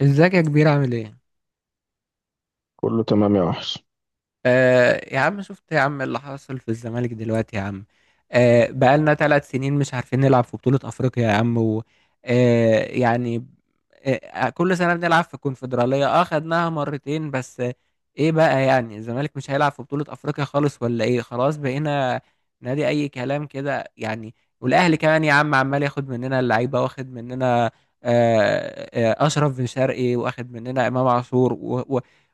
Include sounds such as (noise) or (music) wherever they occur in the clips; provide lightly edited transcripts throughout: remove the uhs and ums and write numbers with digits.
ازيك يا كبير عامل ايه؟ كله تمام يا وحش. يا عم شفت يا عم اللي حصل في الزمالك دلوقتي يا عم. بقالنا 3 سنين مش عارفين نلعب في بطولة أفريقيا يا عم و يعني كل سنة بنلعب في الكونفدرالية، خدناها مرتين بس. ايه بقى يعني؟ الزمالك مش هيلعب في بطولة أفريقيا خالص ولا ايه؟ خلاص بقينا نادي أي كلام كده يعني. والأهلي كمان يا عم عمال ياخد مننا اللعيبة، واخد مننا أشرف بن شرقي، واخد مننا إمام عاشور،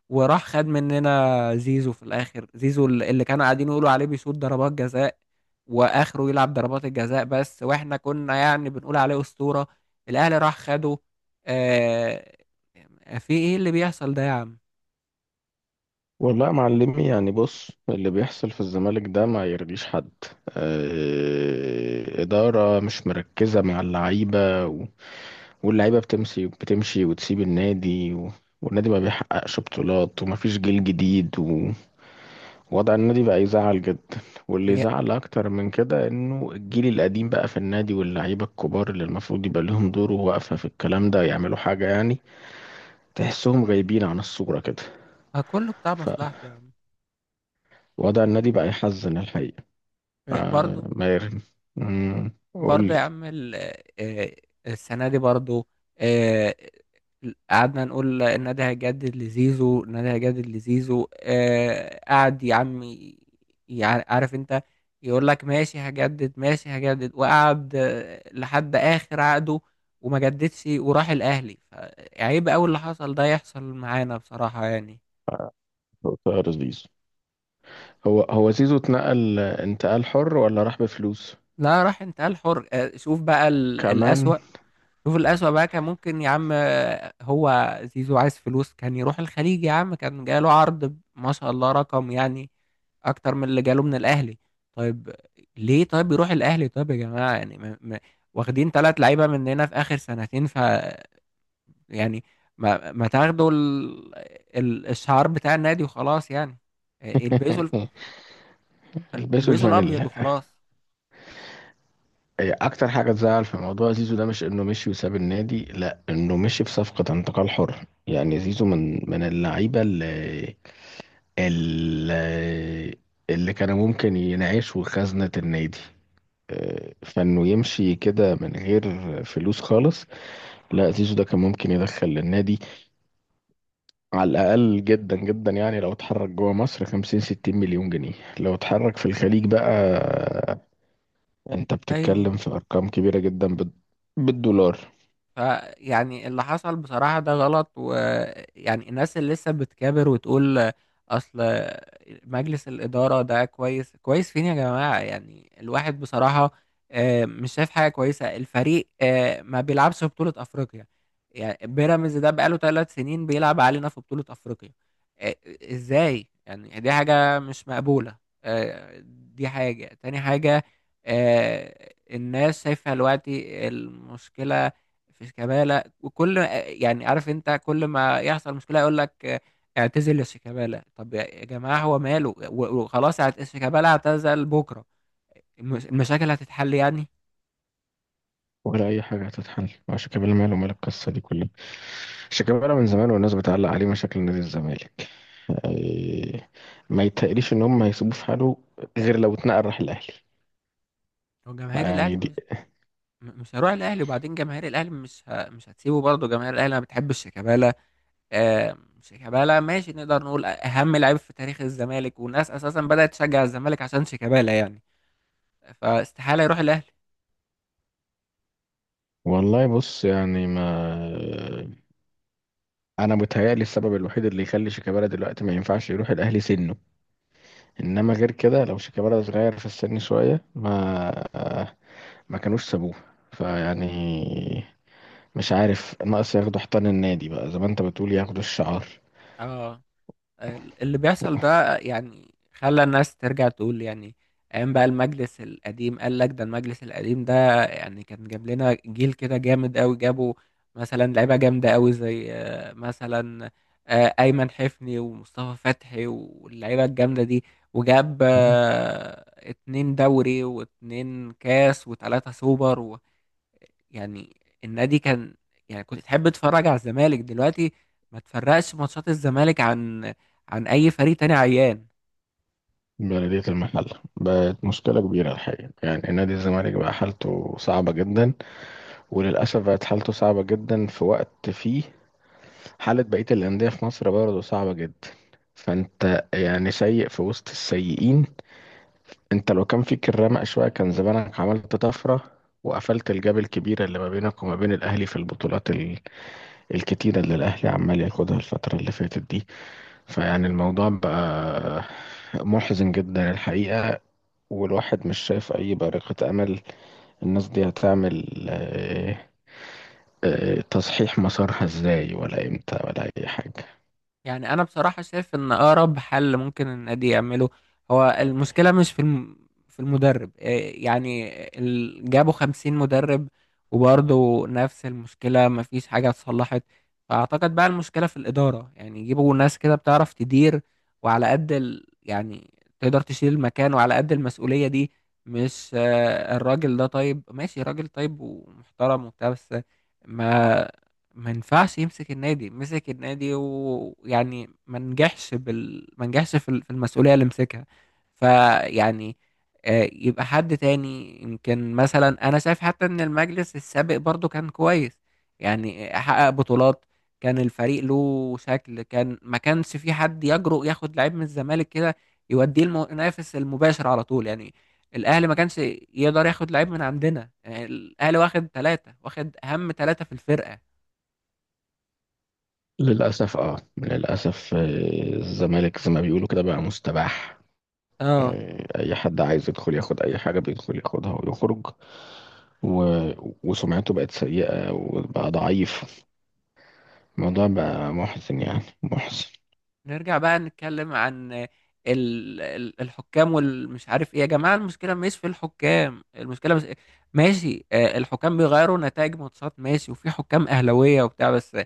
وراح خد مننا زيزو في الاخر. زيزو اللي كانوا قاعدين يقولوا عليه بيصوت ضربات جزاء، واخره يلعب ضربات الجزاء بس، واحنا كنا يعني بنقول عليه اسطورة. الاهلي راح خده. آه في ايه اللي بيحصل ده يا عم؟ والله يا معلمي، يعني بص، اللي بيحصل في الزمالك ده ما يرضيش حد. إدارة مش مركزة مع اللعيبة واللعيبة بتمشي وتسيب النادي والنادي ما بيحققش بطولات ومفيش جيل جديد ووضع النادي بقى يزعل جدا. واللي يا- يزعل أكتر من كده إنه الجيل القديم بقى في النادي، واللعيبة الكبار اللي المفروض يبقى لهم دور وواقفة في الكلام ده يعملوا حاجة يعني، تحسهم غايبين عن الصورة كده. ما كله بتاع مصلحته يا عم. وضع النادي بقى يحزن الحقيقة. آه برضه. ميرن. مم، قول لي. برضه يا عم آه، السنة دي برضه، آه، قعدنا نقول النادي هيجدد لزيزو، النادي هيجدد لزيزو، قعد يا عم عارف انت، يقول لك ماشي هجدد ماشي هجدد، وقعد لحد آخر عقده وما جددش وراح الأهلي. عيب أوي اللي حصل ده يحصل معانا بصراحة يعني. طاهر الزيزو. هو زيزو اتنقل انتقال حر ولا راح بفلوس لا راح انتقال حر. شوف بقى كمان؟ الأسوأ. شوف الأسوأ بقى. كان ممكن يا عم، هو زيزو عايز فلوس كان يروح الخليج يا عم، كان جاله عرض ما شاء الله رقم يعني أكتر من اللي جاله من الأهلي. طيب ليه طيب يروح الأهلي؟ طيب يا جماعة يعني ما واخدين ثلاث لعيبة مننا في آخر سنتين، ف يعني ما تاخدوا الشعار بتاع النادي وخلاص يعني. البسوا ال- (laughs) البسوا البسوا الأبيض الفانيلا. وخلاص. هي اكتر حاجة تزعل في موضوع زيزو ده مش انه مشي وساب النادي، لا، انه مشي في صفقة انتقال حر. يعني زيزو من اللعيبة اللي اللي كانوا ممكن ينعيشوا خزنة النادي. فانه يمشي كده من غير فلوس خالص، لا، زيزو ده كان ممكن يدخل للنادي على الأقل جدا جدا يعني لو اتحرك جوه مصر 50 60 مليون جنيه. لو اتحرك في الخليج بقى، انت أيوه، بتتكلم في أرقام كبيرة جدا بالدولار. فيعني اللي حصل بصراحة ده غلط، ويعني الناس اللي لسه بتكابر وتقول أصل مجلس الإدارة ده كويس، كويس فين يا جماعة؟ يعني الواحد بصراحة مش شايف حاجة كويسة. الفريق ما بيلعبش في بطولة أفريقيا، يعني بيراميدز ده بقاله 3 سنين بيلعب علينا في بطولة أفريقيا. آه، إزاي يعني؟ دي حاجة مش مقبولة. آه، دي حاجة، تاني حاجة. الناس شايفة دلوقتي المشكلة، مفيش كمالة. وكل يعني عارف انت كل ما يحصل مشكلة يقول لك اعتزل شيكابالا. طب يا جماعة هو ماله؟ وخلاص شيكابالا اعتزل بكرة، المشاكل هتتحل يعني؟ ولا أي حاجة هتتحل مع شيكابالا. ماله مال القصة دي كلها؟ شيكابالا من زمان والناس بتعلق عليه مشاكل نادي الزمالك. إيه، ما يتقريش إن هم هيسيبوه في حاله غير لو اتنقل راح الأهلي. هو جماهير الاهلي يعني دي، مش، مش هروح الاهلي. وبعدين جماهير الاهلي مش هتسيبه، برضه جماهير الاهلي ما بتحبش شيكابالا. شيكابالا ماشي، نقدر نقول اهم لعيب في تاريخ الزمالك، والناس اساسا بدأت تشجع الزمالك عشان شيكابالا يعني، فاستحالة يروح الاهلي. والله بص، يعني ما انا متهيألي السبب الوحيد اللي يخلي شيكابالا دلوقتي ما ينفعش يروح الاهلي سنه، انما غير كده لو شيكابالا صغير في السن شويه ما كانوش سابوه. فيعني مش عارف، ناقص ياخدوا حيطان النادي بقى زي ما انت بتقول، ياخدوا الشعار. اه اللي بيحصل ده يعني خلى الناس ترجع تقول يعني ايام بقى المجلس القديم. قال لك ده المجلس القديم ده يعني كان جاب لنا جيل كده جامد قوي، جابوا مثلا لعيبه جامده قوي زي مثلا ايمن حفني ومصطفى فتحي واللعيبه الجامده دي، وجاب مم. اتنين دوري واتنين كاس وتلاته سوبر يعني. النادي كان، يعني كنت تحب تتفرج على الزمالك. دلوقتي ما تفرقش ماتشات الزمالك عن عن اي فريق تاني عيان. بلدية المحل بقت مشكلة كبيرة الحقيقة. يعني نادي الزمالك بقى حالته صعبة جدا، وللأسف بقت حالته صعبة جدا في وقت فيه حالة بقية الأندية في مصر برضه صعبة جدا. فأنت يعني سيء في وسط السيئين. انت لو كان فيك الرمق شوية كان زمانك عملت طفرة وقفلت الجاب الكبيرة اللي ما بينك وما بين الأهلي في الكتيرة اللي الأهلي عمال ياخدها الفترة اللي فاتت دي. فيعني الموضوع بقى محزن جدا الحقيقة، والواحد مش شايف أي بارقة أمل. الناس دي هتعمل تصحيح مسارها ازاي ولا امتى ولا أي حاجة؟ يعني انا بصراحه شايف ان اقرب حل ممكن النادي يعمله، هو المشكله مش في في المدرب، إيه يعني؟ جابوا 50 مدرب وبرضه نفس المشكله، مفيش حاجه اتصلحت. فاعتقد بقى المشكله في الاداره، يعني يجيبوا ناس كده بتعرف تدير وعلى قد يعني تقدر تشيل المكان وعلى قد المسؤوليه دي. مش الراجل ده طيب ماشي، راجل طيب ومحترم وبتاع، بس ما ما ينفعش يمسك النادي. مسك النادي، ويعني ما نجحش في في المسؤولية اللي مسكها. فيعني يبقى حد تاني. يمكن مثلا انا شايف حتى ان المجلس السابق برضو كان كويس، يعني حقق بطولات، كان الفريق له شكل، كان ما كانش في حد يجرؤ ياخد لعيب من الزمالك كده يوديه المنافس المباشر على طول، يعني الاهلي ما كانش يقدر ياخد لعيب من عندنا. يعني الاهلي واخد ثلاثة، واخد اهم ثلاثة في الفرقة. للأسف اه، للأسف، الزمالك زي ما بيقولوا كده بقى مستباح. اه أي حد عايز يدخل ياخد أي حاجة بيدخل ياخدها ويخرج و... وسمعته بقت سيئة وبقى ضعيف. الموضوع بقى محزن يعني محزن. نرجع بقى نتكلم عن الحكام والمش عارف ايه. يا جماعة المشكلة مش في الحكام، المشكلة مش ماشي. الحكام بيغيروا نتائج ماتشات ماشي، وفي حكام أهلاوية وبتاع، بس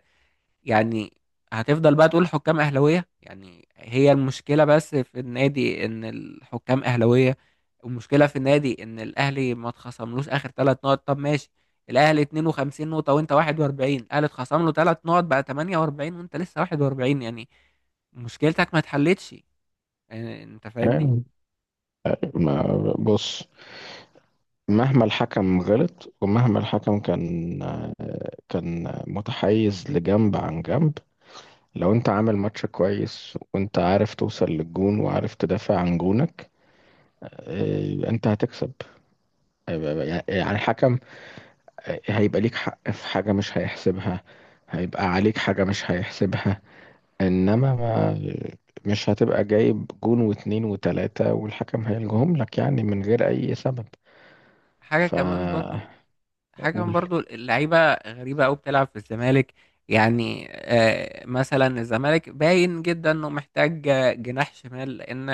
يعني هتفضل بقى تقول حكام أهلاوية؟ يعني هي المشكلة بس في النادي إن الحكام أهلاوية؟ المشكلة في النادي إن الأهلي ما اتخصملوش آخر 3 نقط. طب ماشي، الأهلي 52 نقطة وأنت 41، الأهلي اتخصم له 3 نقط بقى 48 وأنت لسه 41، يعني مشكلتك ما اتحلتش. يعني أنت فاهمني؟ يعني ما بص مهما الحكم غلط ومهما الحكم كان متحيز لجنب عن جنب، لو انت عامل ماتش كويس وانت عارف توصل للجون وعارف تدافع عن جونك، اه، انت هتكسب. آه، يعني الحكم هيبقى ليك حق في حاجة مش هيحسبها، هيبقى عليك حاجة مش هيحسبها، انما ما مش هتبقى جايب جون واتنين وتلاتة والحكم هيلجهم لك يعني من غير اي سبب. حاجة كمان فأقول، برضو حاجة كمان برضو، اللعيبة غريبة أوي بتلعب في الزمالك. يعني مثلا الزمالك باين جدا إنه محتاج جناح شمال، لأن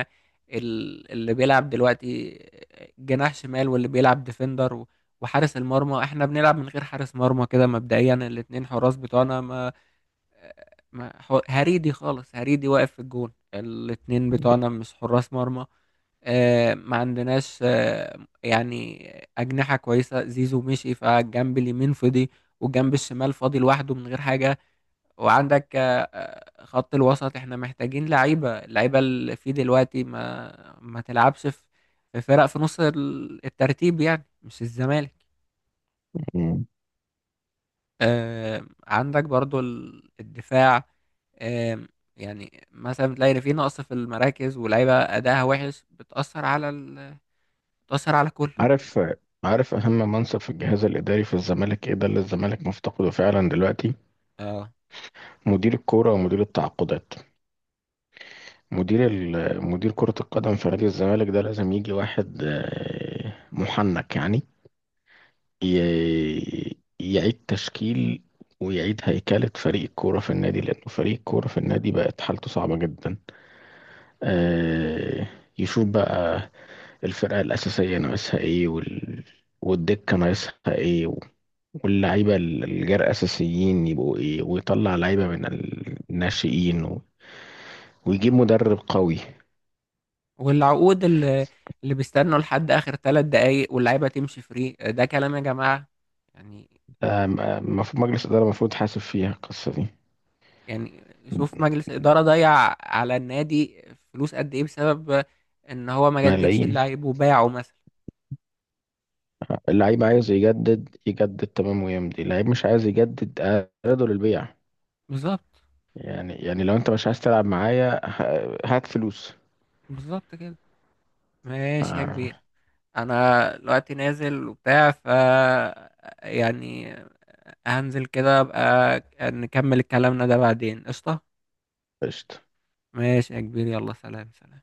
اللي بيلعب دلوقتي جناح شمال واللي بيلعب ديفندر وحارس المرمى، احنا بنلعب من غير حارس مرمى كده مبدئيا. الاتنين حراس بتوعنا، ما هريدي خالص، هريدي واقف في الجون. الاتنين بتوعنا مش حراس مرمى. ما عندناش يعني أجنحة كويسة. زيزو مشي، فالجنب اليمين فضي والجنب الشمال فاضي لوحده من غير حاجة. وعندك خط الوسط، احنا محتاجين لعيبة. اللعيبة اللي فيه دلوقتي ما تلعبش في، في فرق في نص الترتيب يعني، مش الزمالك. عندك برضو الدفاع، آم، يعني مثلا بتلاقي في نقص في المراكز ولعيبة أداها وحش بتأثر على بتأثر على كله. عارف عارف اهم منصب في الجهاز الاداري في الزمالك ايه، ده اللي الزمالك مفتقده فعلا دلوقتي؟ اه مدير الكوره ومدير التعاقدات. مدير كره القدم في نادي الزمالك ده لازم يجي واحد محنك يعني، يعيد تشكيل ويعيد هيكلة فريق الكورة في النادي، لأنه فريق الكورة في النادي بقت حالته صعبة جدا. آه، يشوف بقى الفرقة الأساسية ناقصها إيه، والدكة ناقصها إيه، واللعيبة ال- الجرأة أساسيين يبقوا إيه، ويطلع لعيبة من الناشئين ويجيب مدرب قوي. والعقود اللي بيستنوا لحد اخر 3 دقايق واللعيبه تمشي فري، ده كلام يا جماعه يعني المفروض مجلس إدارة المفروض حاسب فيها القصة دي. يعني شوف مجلس اداره ضيع على النادي فلوس قد ايه بسبب ان هو ما جددش ملايين. اللعيب وباعه مثلا. اللعيب عايز يجدد، يجدد تمام ويمضي. اللعيب مش عايز يجدد، أعرضه للبيع. بالظبط. يعني لو انت مش عايز تلعب معايا، هات فلوس. بالظبط كده. ماشي يا آه، كبير، انا دلوقتي نازل وبتاع ف يعني هنزل كده. ابقى نكمل كلامنا ده بعدين قشطه. قشطة. ماشي يا كبير، يلا سلام سلام.